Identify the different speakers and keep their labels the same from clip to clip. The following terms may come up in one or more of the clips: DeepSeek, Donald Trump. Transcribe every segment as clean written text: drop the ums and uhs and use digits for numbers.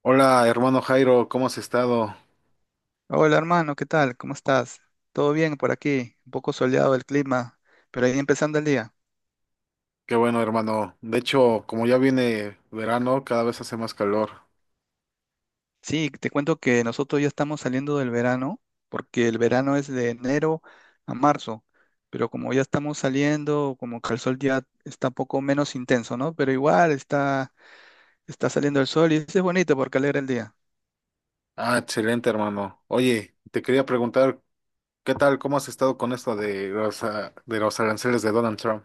Speaker 1: Hola, hermano Jairo, ¿cómo has estado?
Speaker 2: Hola hermano, ¿qué tal? ¿Cómo estás? ¿Todo bien por aquí? Un poco soleado el clima, pero ahí empezando el día.
Speaker 1: Qué bueno, hermano. De hecho, como ya viene verano, cada vez hace más calor.
Speaker 2: Sí, te cuento que nosotros ya estamos saliendo del verano, porque el verano es de enero a marzo, pero como ya estamos saliendo, como que el sol ya está un poco menos intenso, ¿no? Pero igual está, está saliendo el sol y eso es bonito porque alegra el día.
Speaker 1: Ah, excelente, hermano. Oye, te quería preguntar, ¿qué tal? ¿Cómo has estado con esto de los aranceles de Donald Trump?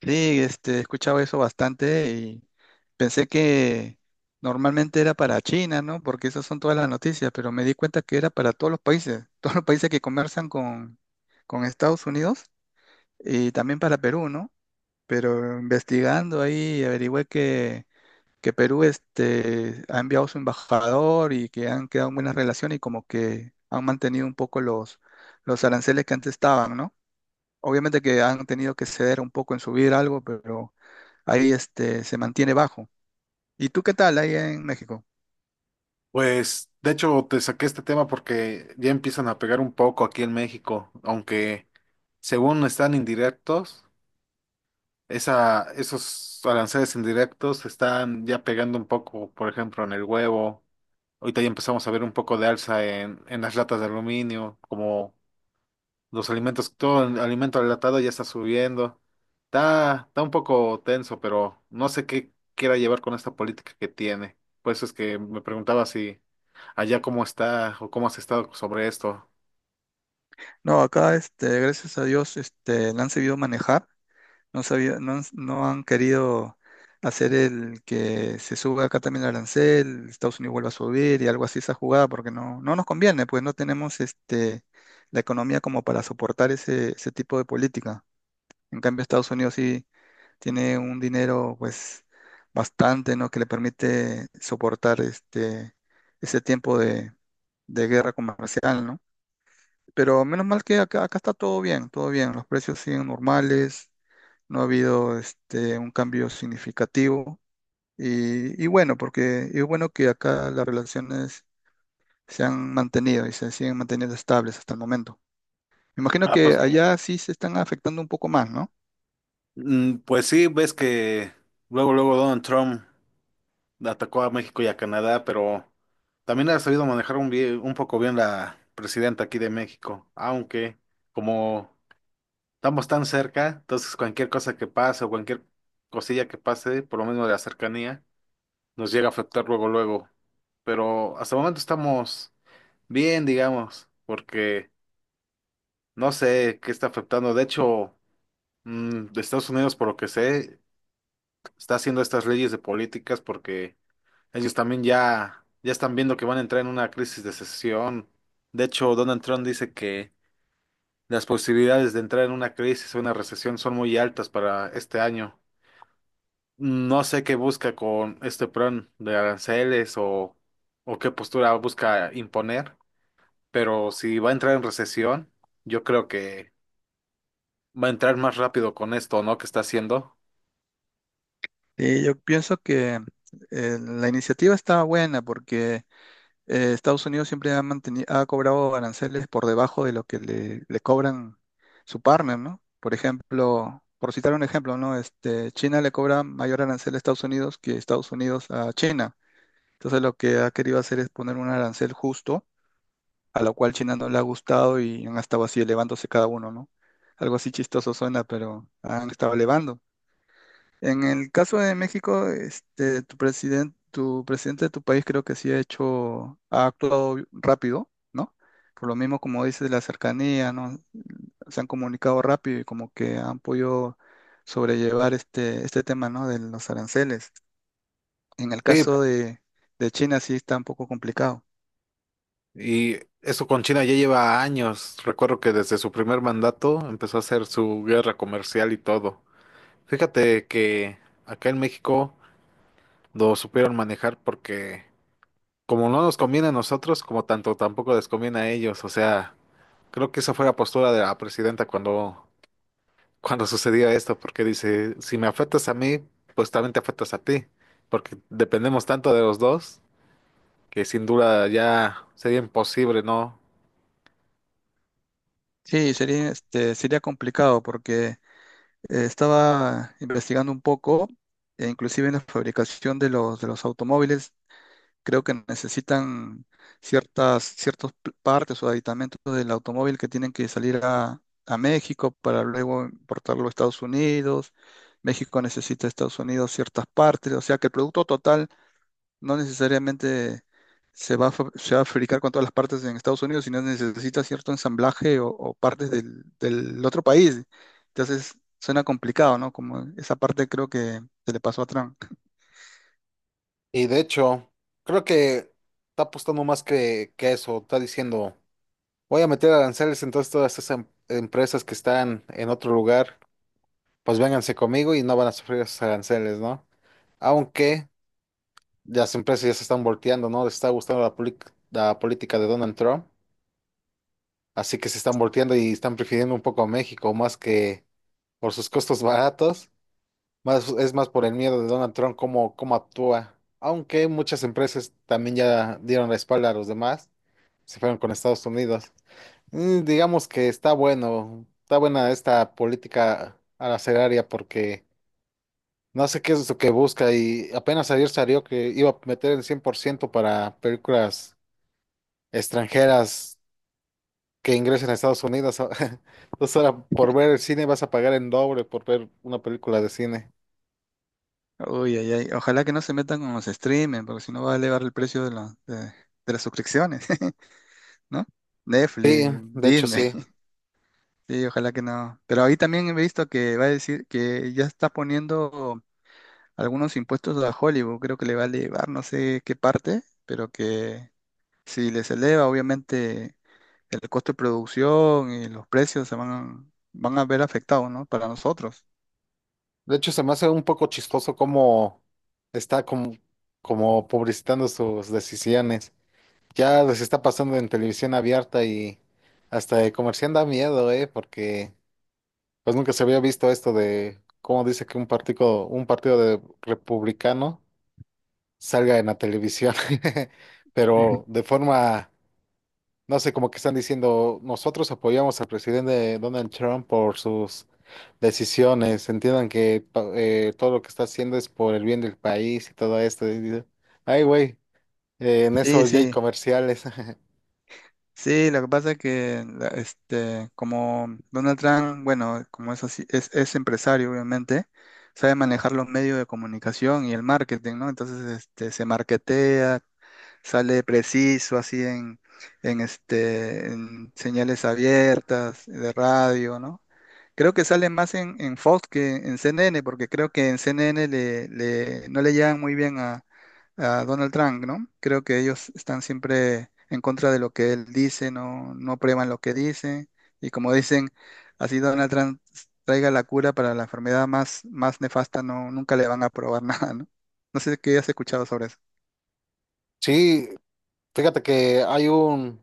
Speaker 2: Sí, he escuchado eso bastante y pensé que normalmente era para China, ¿no? Porque esas son todas las noticias, pero me di cuenta que era para todos los países, todos los países que conversan con Estados Unidos y también para Perú, ¿no? Pero investigando ahí averigüé que Perú ha enviado su embajador y que han quedado en buenas relaciones y como que han mantenido un poco los aranceles que antes estaban, ¿no? Obviamente que han tenido que ceder un poco en subir algo, pero ahí se mantiene bajo. ¿Y tú qué tal ahí en México?
Speaker 1: Pues, de hecho, te saqué este tema porque ya empiezan a pegar un poco aquí en México, aunque según están indirectos, esos aranceles indirectos están ya pegando un poco, por ejemplo, en el huevo. Ahorita ya empezamos a ver un poco de alza en las latas de aluminio, como los alimentos, todo el alimento enlatado ya está subiendo. Está un poco tenso, pero no sé qué quiera llevar con esta política que tiene. Por eso es que me preguntaba si allá cómo está o cómo has estado sobre esto.
Speaker 2: No, acá, gracias a Dios, la han sabido manejar, no, no, no han querido hacer el que se suba acá también el arancel, Estados Unidos vuelva a subir y algo así esa jugada, porque no, no nos conviene, pues no tenemos la economía como para soportar ese tipo de política. En cambio, Estados Unidos sí tiene un dinero pues bastante, ¿no? Que le permite soportar ese tiempo de guerra comercial, ¿no? Pero menos mal que acá está todo bien, los precios siguen normales, no ha habido un cambio significativo y bueno, porque es bueno que acá las relaciones se han mantenido y se siguen manteniendo estables hasta el momento. Me imagino
Speaker 1: Ah,
Speaker 2: que
Speaker 1: pues,
Speaker 2: allá sí se están afectando un poco más, ¿no?
Speaker 1: pues sí, ves que luego, luego Donald Trump atacó a México y a Canadá, pero también ha sabido manejar un poco bien la presidenta aquí de México, aunque como estamos tan cerca, entonces cualquier cosa que pase o cualquier cosilla que pase, por lo menos de la cercanía, nos llega a afectar luego, luego. Pero hasta el momento estamos bien, digamos, porque no sé qué está afectando. De hecho, de Estados Unidos, por lo que sé, está haciendo estas leyes de políticas porque ellos también ya están viendo que van a entrar en una crisis de recesión. De hecho, Donald Trump dice que las posibilidades de entrar en una crisis o una recesión son muy altas para este año. No sé qué busca con este plan de aranceles, o qué postura busca imponer, pero si va a entrar en recesión, yo creo que va a entrar más rápido con esto, ¿no?, ¿que está haciendo?
Speaker 2: Sí, yo pienso que la iniciativa está buena porque Estados Unidos siempre ha mantenido, ha cobrado aranceles por debajo de lo que le cobran su partner, ¿no? Por ejemplo, por citar un ejemplo, ¿no? China le cobra mayor arancel a Estados Unidos que Estados Unidos a China. Entonces lo que ha querido hacer es poner un arancel justo, a lo cual China no le ha gustado y han estado así elevándose cada uno, ¿no? Algo así chistoso suena, pero han estado elevando. En el caso de México, tu presidente de tu país creo que sí ha hecho, ha actuado rápido, ¿no? Por lo mismo, como dices, la cercanía, ¿no? Se han comunicado rápido y como que han podido sobrellevar este tema, ¿no? De los aranceles. En el
Speaker 1: Sí.
Speaker 2: caso de China sí está un poco complicado.
Speaker 1: Y eso con China ya lleva años. Recuerdo que desde su primer mandato empezó a hacer su guerra comercial y todo. Fíjate que acá en México lo supieron manejar porque como no nos conviene a nosotros, como tanto tampoco les conviene a ellos. O sea, creo que esa fue la postura de la presidenta cuando sucedió esto, porque dice, si me afectas a mí, pues también te afectas a ti, porque dependemos tanto de los dos que sin duda ya sería imposible, ¿no?
Speaker 2: Sí, sería, sería complicado porque estaba investigando un poco, e inclusive en la fabricación de de los automóviles creo que necesitan ciertas partes o aditamentos del automóvil que tienen que salir a México para luego importarlo a Estados Unidos. México necesita a Estados Unidos ciertas partes, o sea que el producto total no necesariamente se va se va a fabricar con todas las partes en Estados Unidos, sino necesita cierto ensamblaje o partes del otro país. Entonces suena complicado, ¿no? Como esa parte creo que se le pasó a Trump.
Speaker 1: Y de hecho, creo que está apostando más que eso. Está diciendo, voy a meter aranceles, entonces todas esas empresas que están en otro lugar, pues vénganse conmigo y no van a sufrir esos aranceles, ¿no? Aunque las empresas ya se están volteando, ¿no? Les está gustando la política de Donald Trump, así que se están volteando y están prefiriendo un poco a México más que por sus costos baratos, más es más por el miedo de Donald Trump cómo actúa. Aunque muchas empresas también ya dieron la espalda a los demás, se fueron con Estados Unidos. Digamos que está bueno, está buena esta política arancelaria porque no sé qué es lo que busca y apenas ayer salió que iba a meter el 100% para películas extranjeras que ingresen a Estados Unidos. Entonces ahora por ver el cine vas a pagar en doble por ver una película de cine.
Speaker 2: Uy, ay, ay. Ojalá que no se metan con los streamers, porque si no va a elevar el precio de las suscripciones, ¿no? Netflix, Disney.
Speaker 1: Sí.
Speaker 2: Sí, ojalá que no. Pero ahí también he visto que va a decir que ya está poniendo algunos impuestos a Hollywood. Creo que le va a elevar, no sé qué parte, pero que si les eleva, obviamente el costo de producción y los precios se van a, van a ver afectados, ¿no? Para nosotros.
Speaker 1: De hecho se me hace un poco chistoso cómo está como publicitando sus decisiones. Ya les está pasando en televisión abierta y hasta de comerciante da miedo, porque pues nunca se había visto esto de cómo dice que un partido de republicano salga en la televisión, pero de forma. No sé, como que están diciendo, nosotros apoyamos al presidente Donald Trump por sus decisiones. Entiendan que todo lo que está haciendo es por el bien del país y todo esto. Y digo, ay, güey, en
Speaker 2: Sí,
Speaker 1: eso ya hay
Speaker 2: sí.
Speaker 1: comerciales.
Speaker 2: Sí, lo que pasa es que como Donald Trump, bueno, como es así, es empresario, obviamente, sabe manejar los medios de comunicación y el marketing, ¿no? Entonces, se marketea, sale preciso así en, en señales abiertas, de radio, ¿no? Creo que sale más en Fox que en CNN, porque creo que en CNN no le llegan muy bien a Donald Trump, ¿no? Creo que ellos están siempre en contra de lo que él dice, no, no prueban lo que dice. Y como dicen, así Donald Trump traiga la cura para la enfermedad más, más nefasta, no, nunca le van a probar nada, ¿no? No sé qué has escuchado sobre eso.
Speaker 1: Sí, fíjate que hay un...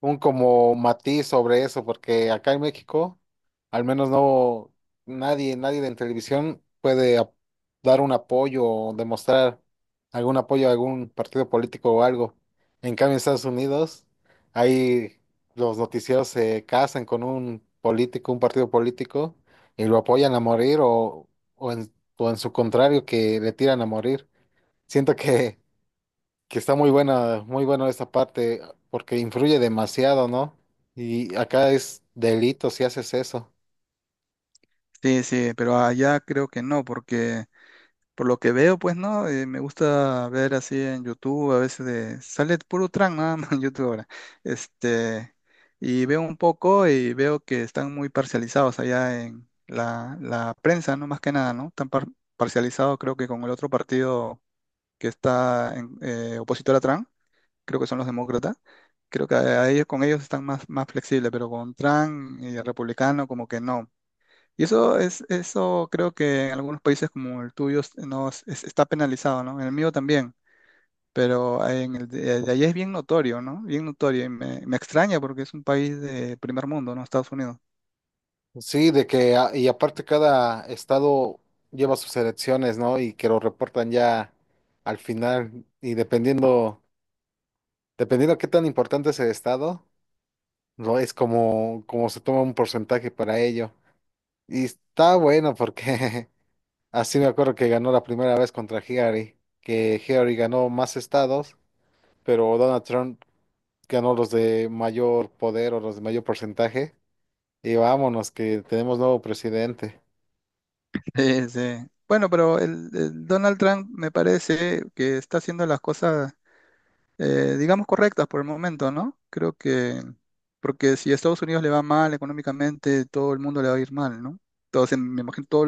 Speaker 1: un como matiz sobre eso, porque acá en México, al menos no nadie en televisión puede dar un apoyo o demostrar algún apoyo a algún partido político o algo. En cambio, en Estados Unidos, ahí los noticieros se casan con un político, un partido político, y lo apoyan a morir, o en su contrario, que le tiran a morir. Siento que está muy buena esta parte, porque influye demasiado, ¿no? Y acá es delito si haces eso.
Speaker 2: Sí, sí, pero allá creo que no, porque por lo que veo, pues no. Me gusta ver así en YouTube, a veces de, sale puro tran nada más en YouTube ahora. Este, y veo un poco y veo que están muy parcializados allá en la prensa, ¿no? Más que nada, ¿no? Parcializado creo que con el otro partido que está en, opositor a Trump, creo que son los demócratas. Creo que a ellos, con ellos están más, más flexibles, pero con Trump y el republicano como que no. Y eso es, eso creo que en algunos países como el tuyo es- no, es- está penalizado, ¿no? En el mío también, pero en el de allá es bien notorio, ¿no? Bien notorio y me extraña porque es un país de primer mundo, ¿no? Estados Unidos.
Speaker 1: Sí, de que, y aparte cada estado lleva sus elecciones, ¿no? Y que lo reportan ya al final, y dependiendo qué tan importante es el estado, no es como se toma un porcentaje para ello. Y está bueno porque así me acuerdo que ganó la primera vez contra Hillary, que Hillary ganó más estados, pero Donald Trump ganó los de mayor poder o los de mayor porcentaje. Y vámonos, que tenemos nuevo presidente.
Speaker 2: Sí, sí. Bueno, pero el Donald Trump me parece que está haciendo las cosas, digamos, correctas por el momento, ¿no? Creo que, porque si a Estados Unidos le va mal económicamente, todo el mundo le va a ir mal, ¿no? Entonces, me imagino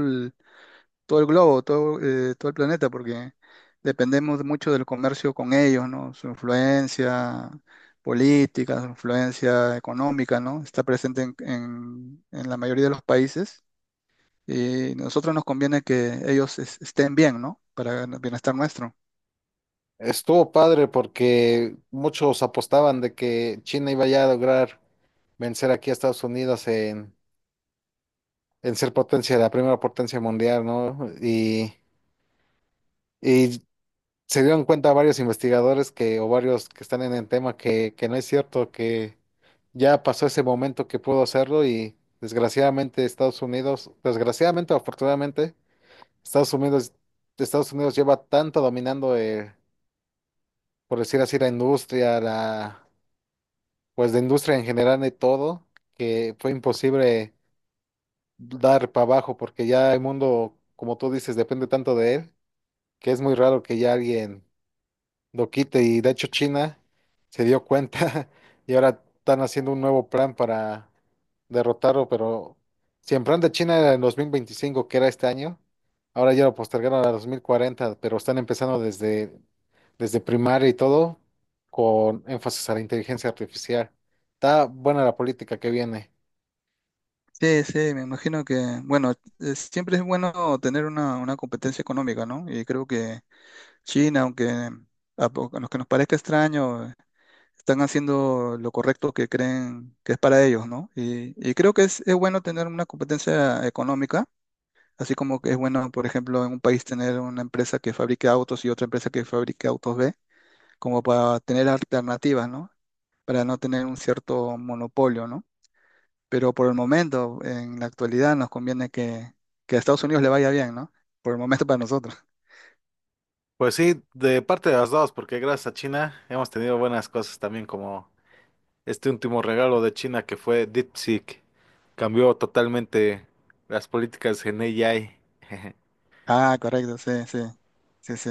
Speaker 2: todo el globo, todo, todo el planeta, porque dependemos mucho del comercio con ellos, ¿no? Su influencia política, su influencia económica, ¿no? Está presente en, en la mayoría de los países y nosotros nos conviene que ellos estén bien, ¿no? Para el bienestar nuestro.
Speaker 1: Estuvo padre porque muchos apostaban de que China iba ya a lograr vencer aquí a Estados Unidos en ser potencia, la primera potencia mundial, ¿no? Y se dieron cuenta varios investigadores que, o varios que están en el tema que no es cierto, que ya pasó ese momento que pudo hacerlo y desgraciadamente Estados Unidos, desgraciadamente o afortunadamente, Estados Unidos, Estados Unidos lleva tanto dominando, por decir así, la industria, pues la industria en general de todo, que fue imposible dar para abajo, porque ya el mundo, como tú dices, depende tanto de él, que es muy raro que ya alguien lo quite. Y de hecho China se dio cuenta y ahora están haciendo un nuevo plan para derrotarlo, pero si el plan de China era en 2025, que era este año, ahora ya lo postergaron a 2040, pero están empezando desde primaria y todo, con énfasis a la inteligencia artificial. Está buena la política que viene.
Speaker 2: Sí, sí, me imagino que, bueno, siempre es bueno tener una competencia económica, ¿no? Y creo que China, aunque a lo que nos parezca extraño, están haciendo lo correcto que creen que es para ellos, ¿no? Y creo que es bueno tener una competencia económica, así como que es bueno, por ejemplo, en un país tener una empresa que fabrique autos y otra empresa que fabrique autos B, como para tener alternativas, ¿no? Para no tener un cierto monopolio, ¿no? Pero por el momento, en la actualidad, nos conviene que a Estados Unidos le vaya bien, ¿no? Por el momento para nosotros.
Speaker 1: Pues sí, de parte de las dos, porque gracias a China hemos tenido buenas cosas también, como este último regalo de China que fue DeepSeek. Cambió totalmente las políticas en AI.
Speaker 2: Ah, correcto, sí, sí, sí, sí.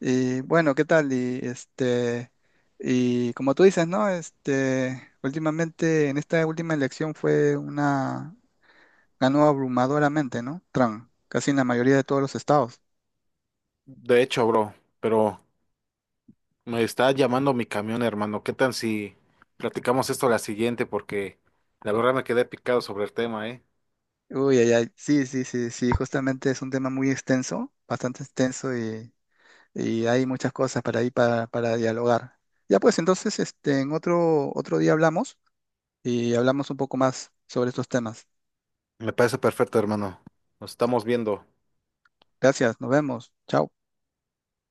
Speaker 2: Y bueno, ¿qué tal? Y y como tú dices, ¿no? Últimamente, en esta última elección fue una, ganó abrumadoramente, ¿no? Trump, casi en la mayoría de todos los estados.
Speaker 1: De hecho, bro, pero me está llamando mi camión, hermano. ¿Qué tal si platicamos esto la siguiente? Porque la verdad me quedé picado sobre el tema, ¿eh?
Speaker 2: Uy, ay, ay, sí, sí, sí, sí, justamente es un tema muy extenso, bastante extenso y hay muchas cosas para ahí para dialogar. Ya pues, entonces, en otro, otro día hablamos y hablamos un poco más sobre estos temas.
Speaker 1: Me parece perfecto, hermano. Nos estamos viendo.
Speaker 2: Gracias, nos vemos. Chao.